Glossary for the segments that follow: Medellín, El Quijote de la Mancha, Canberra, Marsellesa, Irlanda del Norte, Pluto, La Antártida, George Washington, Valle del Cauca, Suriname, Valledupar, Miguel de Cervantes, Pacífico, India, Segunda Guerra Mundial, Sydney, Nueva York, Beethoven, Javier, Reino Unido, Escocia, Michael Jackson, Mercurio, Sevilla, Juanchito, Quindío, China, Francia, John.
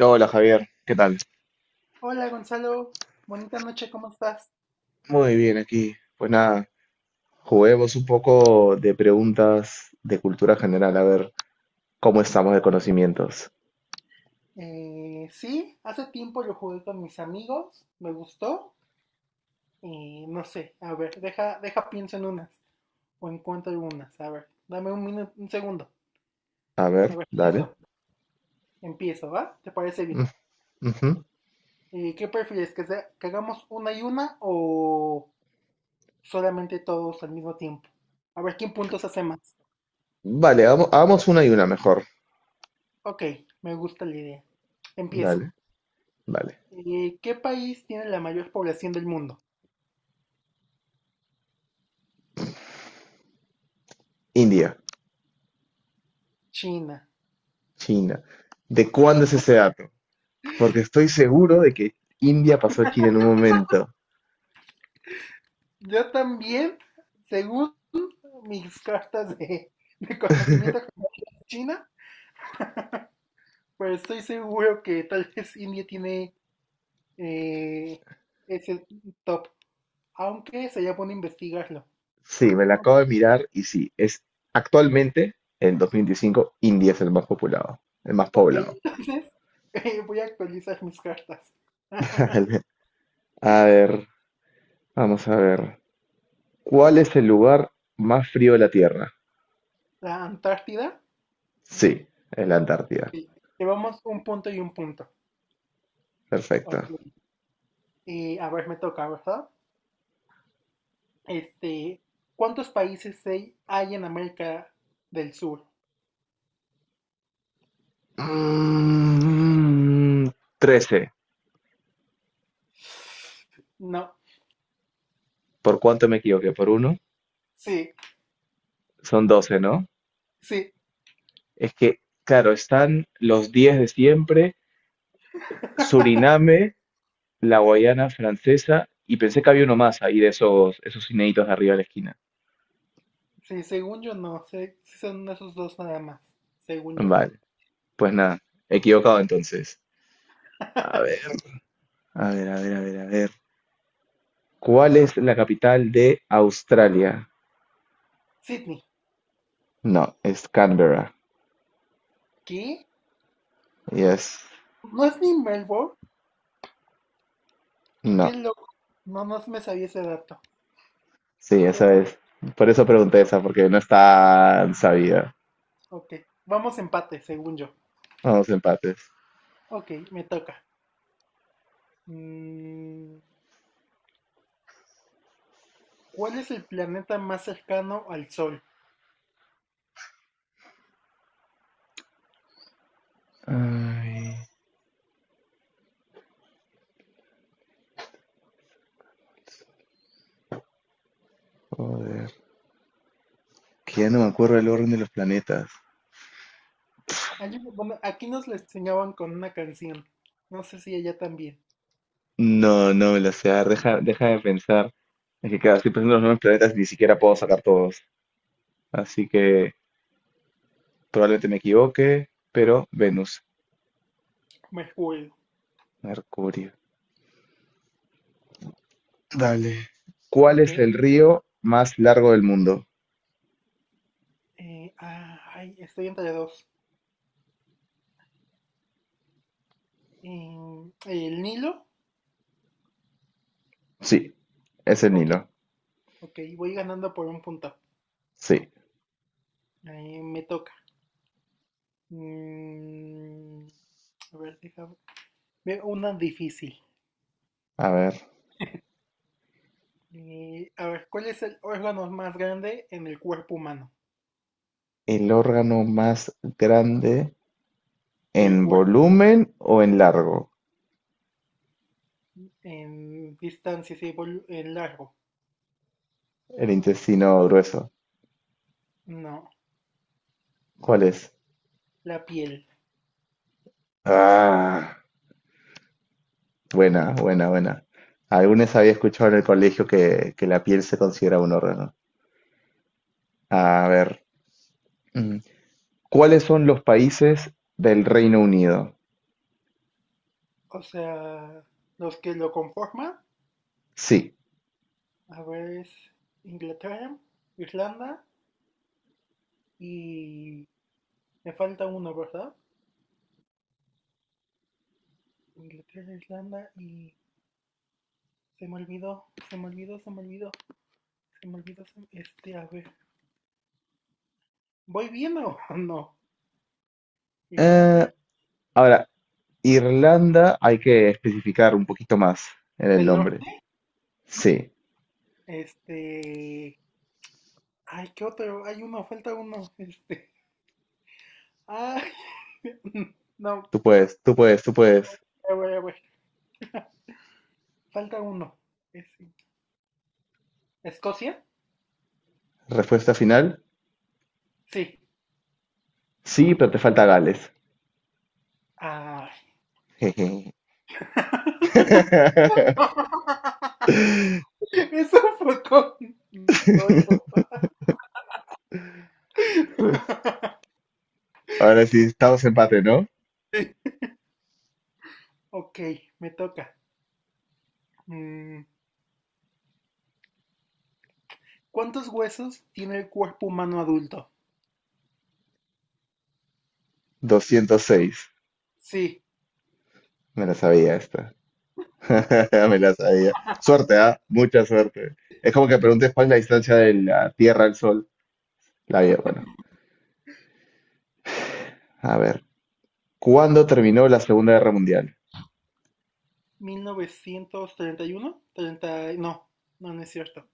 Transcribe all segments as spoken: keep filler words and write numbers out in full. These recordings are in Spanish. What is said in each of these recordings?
Hola Javier, ¿qué tal? Hola Gonzalo, bonita noche, ¿cómo estás? Muy bien aquí. Pues nada, juguemos un poco de preguntas de cultura general, a ver cómo estamos de conocimientos. Eh, sí, hace tiempo lo jugué con mis amigos, me gustó y no sé, a ver, deja, deja pienso en unas o encuentro algunas, a ver, dame un minuto, un segundo, A a ver, ver, dale. listo, empiezo, ¿va? ¿Te parece bien? Mm, ujú. Eh, ¿qué prefieres, que, sea- que hagamos una y una o solamente todos al mismo tiempo? A ver, ¿quién puntos hace más? Vale, hagamos, hagamos una y una mejor. Ok, me gusta la idea. Empiezo. Dale, vale. Eh, ¿qué país tiene la mayor población del mundo? India, China. China. ¿De cuándo es ese dato? Porque estoy seguro de que India pasó a China en un momento. Yo también, según mis cartas de, de conocimiento con China, pues estoy seguro que tal vez India tiene eh, ese top, aunque sería bueno investigarlo. Sí, me la No, acabo de mirar y sí, es actualmente, en dos mil veinticinco, India es el más poblado, el más ok, poblado. entonces eh, voy a actualizar mis cartas. Vale. A ver, vamos a ver. ¿Cuál es el lugar más frío de la Tierra? La Antártida, Sí, es la Antártida. eh, llevamos un punto y un punto. Perfecto. Ok, eh, a ver, me toca, ¿verdad? Este, ¿cuántos países hay hay en América del Sur? Mm, trece. No, ¿Por cuánto me equivoqué? ¿Por uno? sí. Son doce, ¿no? Sí. Es que, claro, están los diez de siempre, Suriname, la Guayana Francesa, y pensé que había uno más ahí de esos, esos inéditos de arriba de la esquina. Sí, según yo no. Sé, sí son esos dos nada más. Según yo. Vale, pues nada, equivocado entonces. A ver, a ver, a ver, a ver, a ver. ¿Cuál es la capital de Australia? Sydney. No, es Canberra. ¿Qué? Y es. ¿No es ni Melbourne? ¿Qué, qué No. loco? No, no me sabía ese dato. Sí, Qué esa bueno. es. Por eso pregunté esa, porque no está sabida. Ok. Vamos empate, según yo. Vamos, empates. Ok, me toca. Mm, ¿Cuál es el planeta más cercano al Sol? Ay, joder. Que ya no me acuerdo el orden de los planetas. Hay uno- bueno, aquí nos lo enseñaban con una canción. No sé si ella también. No, no me lo sé. A ver, deja, deja de pensar. Es que cada estoy Ok, pensando en los nuevos planetas y ni siquiera puedo sacar todos. Así que probablemente me equivoque, pero Venus, Mercurio. Mercurio. Dale. ¿Cuál Ok. es el río más largo del mundo? Eh, ah, ay, estoy entre dos. Mm, ¿El Nilo? Sí, es el Ok. Nilo. Ok, voy ganando por un punto. Sí. Ahí me toca. Mm, a ver, déjame. Ve una difícil. A ver, Eh, a ver, ¿cuál es el órgano más grande en el cuerpo humano? el órgano más grande Del en cuerpo volumen o en largo, en distancia, sí, vol- en largo. el intestino grueso. No, ¿Cuál es? la piel. Ah, buena, buena, buena. Algunos había escuchado en el colegio que, que la piel se considera un órgano. A ver, mm, ¿cuáles son los países del Reino Unido? O sea, los que lo conforman, Sí. a ver, es Inglaterra, Irlanda y... Me falta uno, ¿verdad? Inglaterra, Irlanda y... Se me olvidó, se me olvidó, se me olvidó. Se me olvidó. Este, a ver. ¿Voy bien o no? Eh, Irlanda ahora, Irlanda hay que especificar un poquito más en el del nombre. Norte. Sí, Este. Ay, ¿qué otro? Hay uno, falta uno. Este. Ay. No, tú puedes, tú puedes, tú puedes. a ver, a ver. Falta uno. Ese. ¿Escocia? Respuesta final. Sí. Sí, pero te falta Gales. Ay. Jeje. Eso fue con dolo. Pues, ahora sí, estamos empate, ¿no? Ok, me toca. Mm, ¿Cuántos huesos tiene el cuerpo humano adulto? doscientos seis. Sí. Me la sabía esta. Me la sabía. Suerte, ¿ah? Mucha suerte. Es como que preguntes cuál es la distancia de la Tierra al Sol. La vida, bueno. A ver. ¿Cuándo terminó la Segunda Guerra Mundial? Mil novecientos treinta y uno treinta no, no, no es cierto.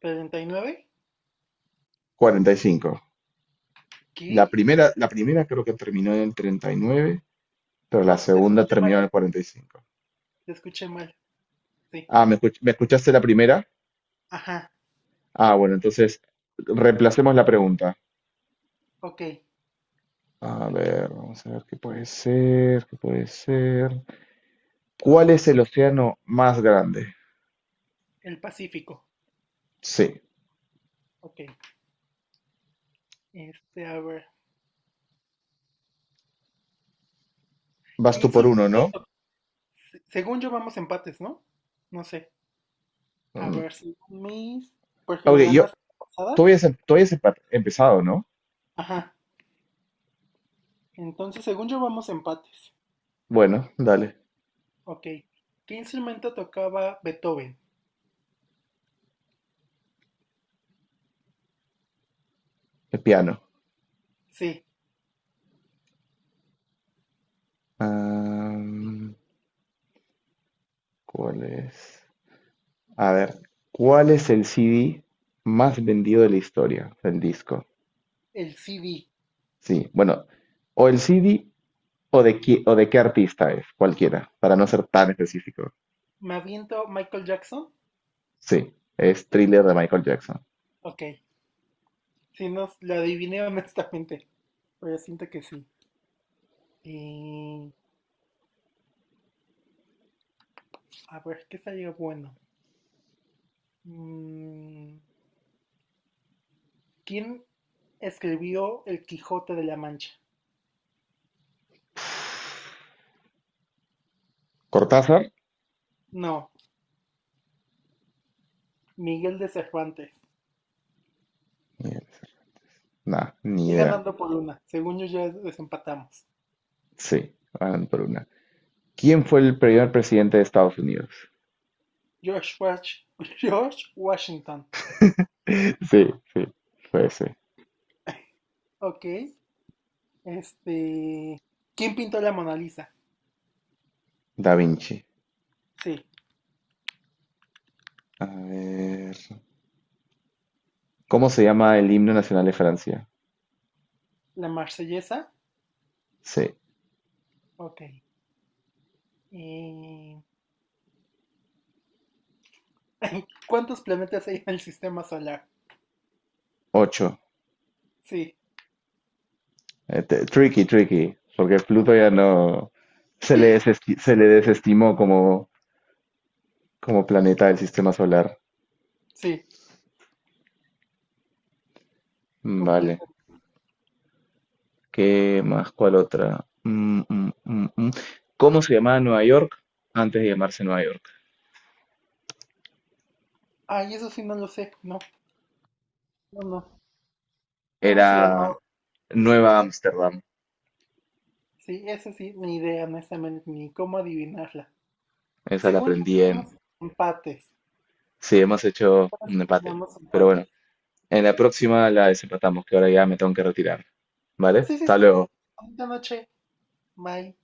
Treinta y nueve. cuarenta y cinco. La ¿Qué? primera, la primera creo que terminó en el treinta y nueve, pero la No, te segunda escuché mal, terminó en el Alexis, cuarenta y cinco. te escuché mal, sí. Ah, ¿me escuch- me escuchaste la primera? Ajá, Ah, bueno, entonces reemplacemos la pregunta. ok, A ver, vamos a ver qué puede ser, qué puede ser. ¿Cuál es el océano más grande? el Pacífico, Sí, ok. Este, a ver, vas ¿qué tú por instrumento? uno, ¿no? se- Según yo vamos empates, ¿no? No sé, a Mm, ver, según mis, porque ok, me yo, ganaste la tú pasada. habías, em- tú habías empa- empezado, ¿no? Ajá, entonces según yo vamos empates, Bueno, dale, ok. ¿Qué instrumento tocaba Beethoven? el piano. Sí, Am, ¿cuál es? A ver, ¿cuál es el C D más vendido de la historia? El disco. el C D. Sí, bueno, o el C D o de, qui- o de qué artista es, cualquiera, para no ser tan específico. ¿Me aviento Michael Jackson? Sí, es Thriller de Michael Jackson. Ok, sí, nos la adiviné honestamente, pero siento que sí. Y a ver, ¿qué salió bueno? Mm, ¿quién escribió El Quijote de la Mancha? Cortázar, No, Miguel de Cervantes. nada, ni Estoy idea. ganando por una, según yo ya desempatamos. Sí, van por una. ¿Quién fue el primer presidente de Estados Unidos? George, Wash- George Washington. Sí, sí, fue ese. Ok, este... ¿Quién pintó la Mona Lisa? Da Vinci. Sí, A ver. ¿Cómo se llama el himno nacional de Francia? la Marsellesa. Sí, Ok. eh, ¿Cuántos planetas hay en el sistema solar? ocho. Sí, Tricky, tricky, porque Pluto ya no se le, desesti- se le desestimó como, como planeta del sistema solar. Sí, Vale. completo. ¿Qué más? ¿Cuál otra? Mm, mm, mm, mm. ¿Cómo se llamaba Nueva York antes de llamarse Nueva York? Ay, eso sí no lo sé. No, no, no. ¿Cómo se llamaba? Era Nueva Ámsterdam. Sí, eso sí, ni idea, honestamente, ni cómo adivinarla. Esa la Según yo, aprendí en... quedamos empates. Sí, hemos hecho Ahora un empate. sí Pero empates. bueno, en la próxima la desempatamos, que ahora ya me tengo que retirar. ¿Vale? Sí, sí, Hasta sí. luego. Bonita noche. Bye.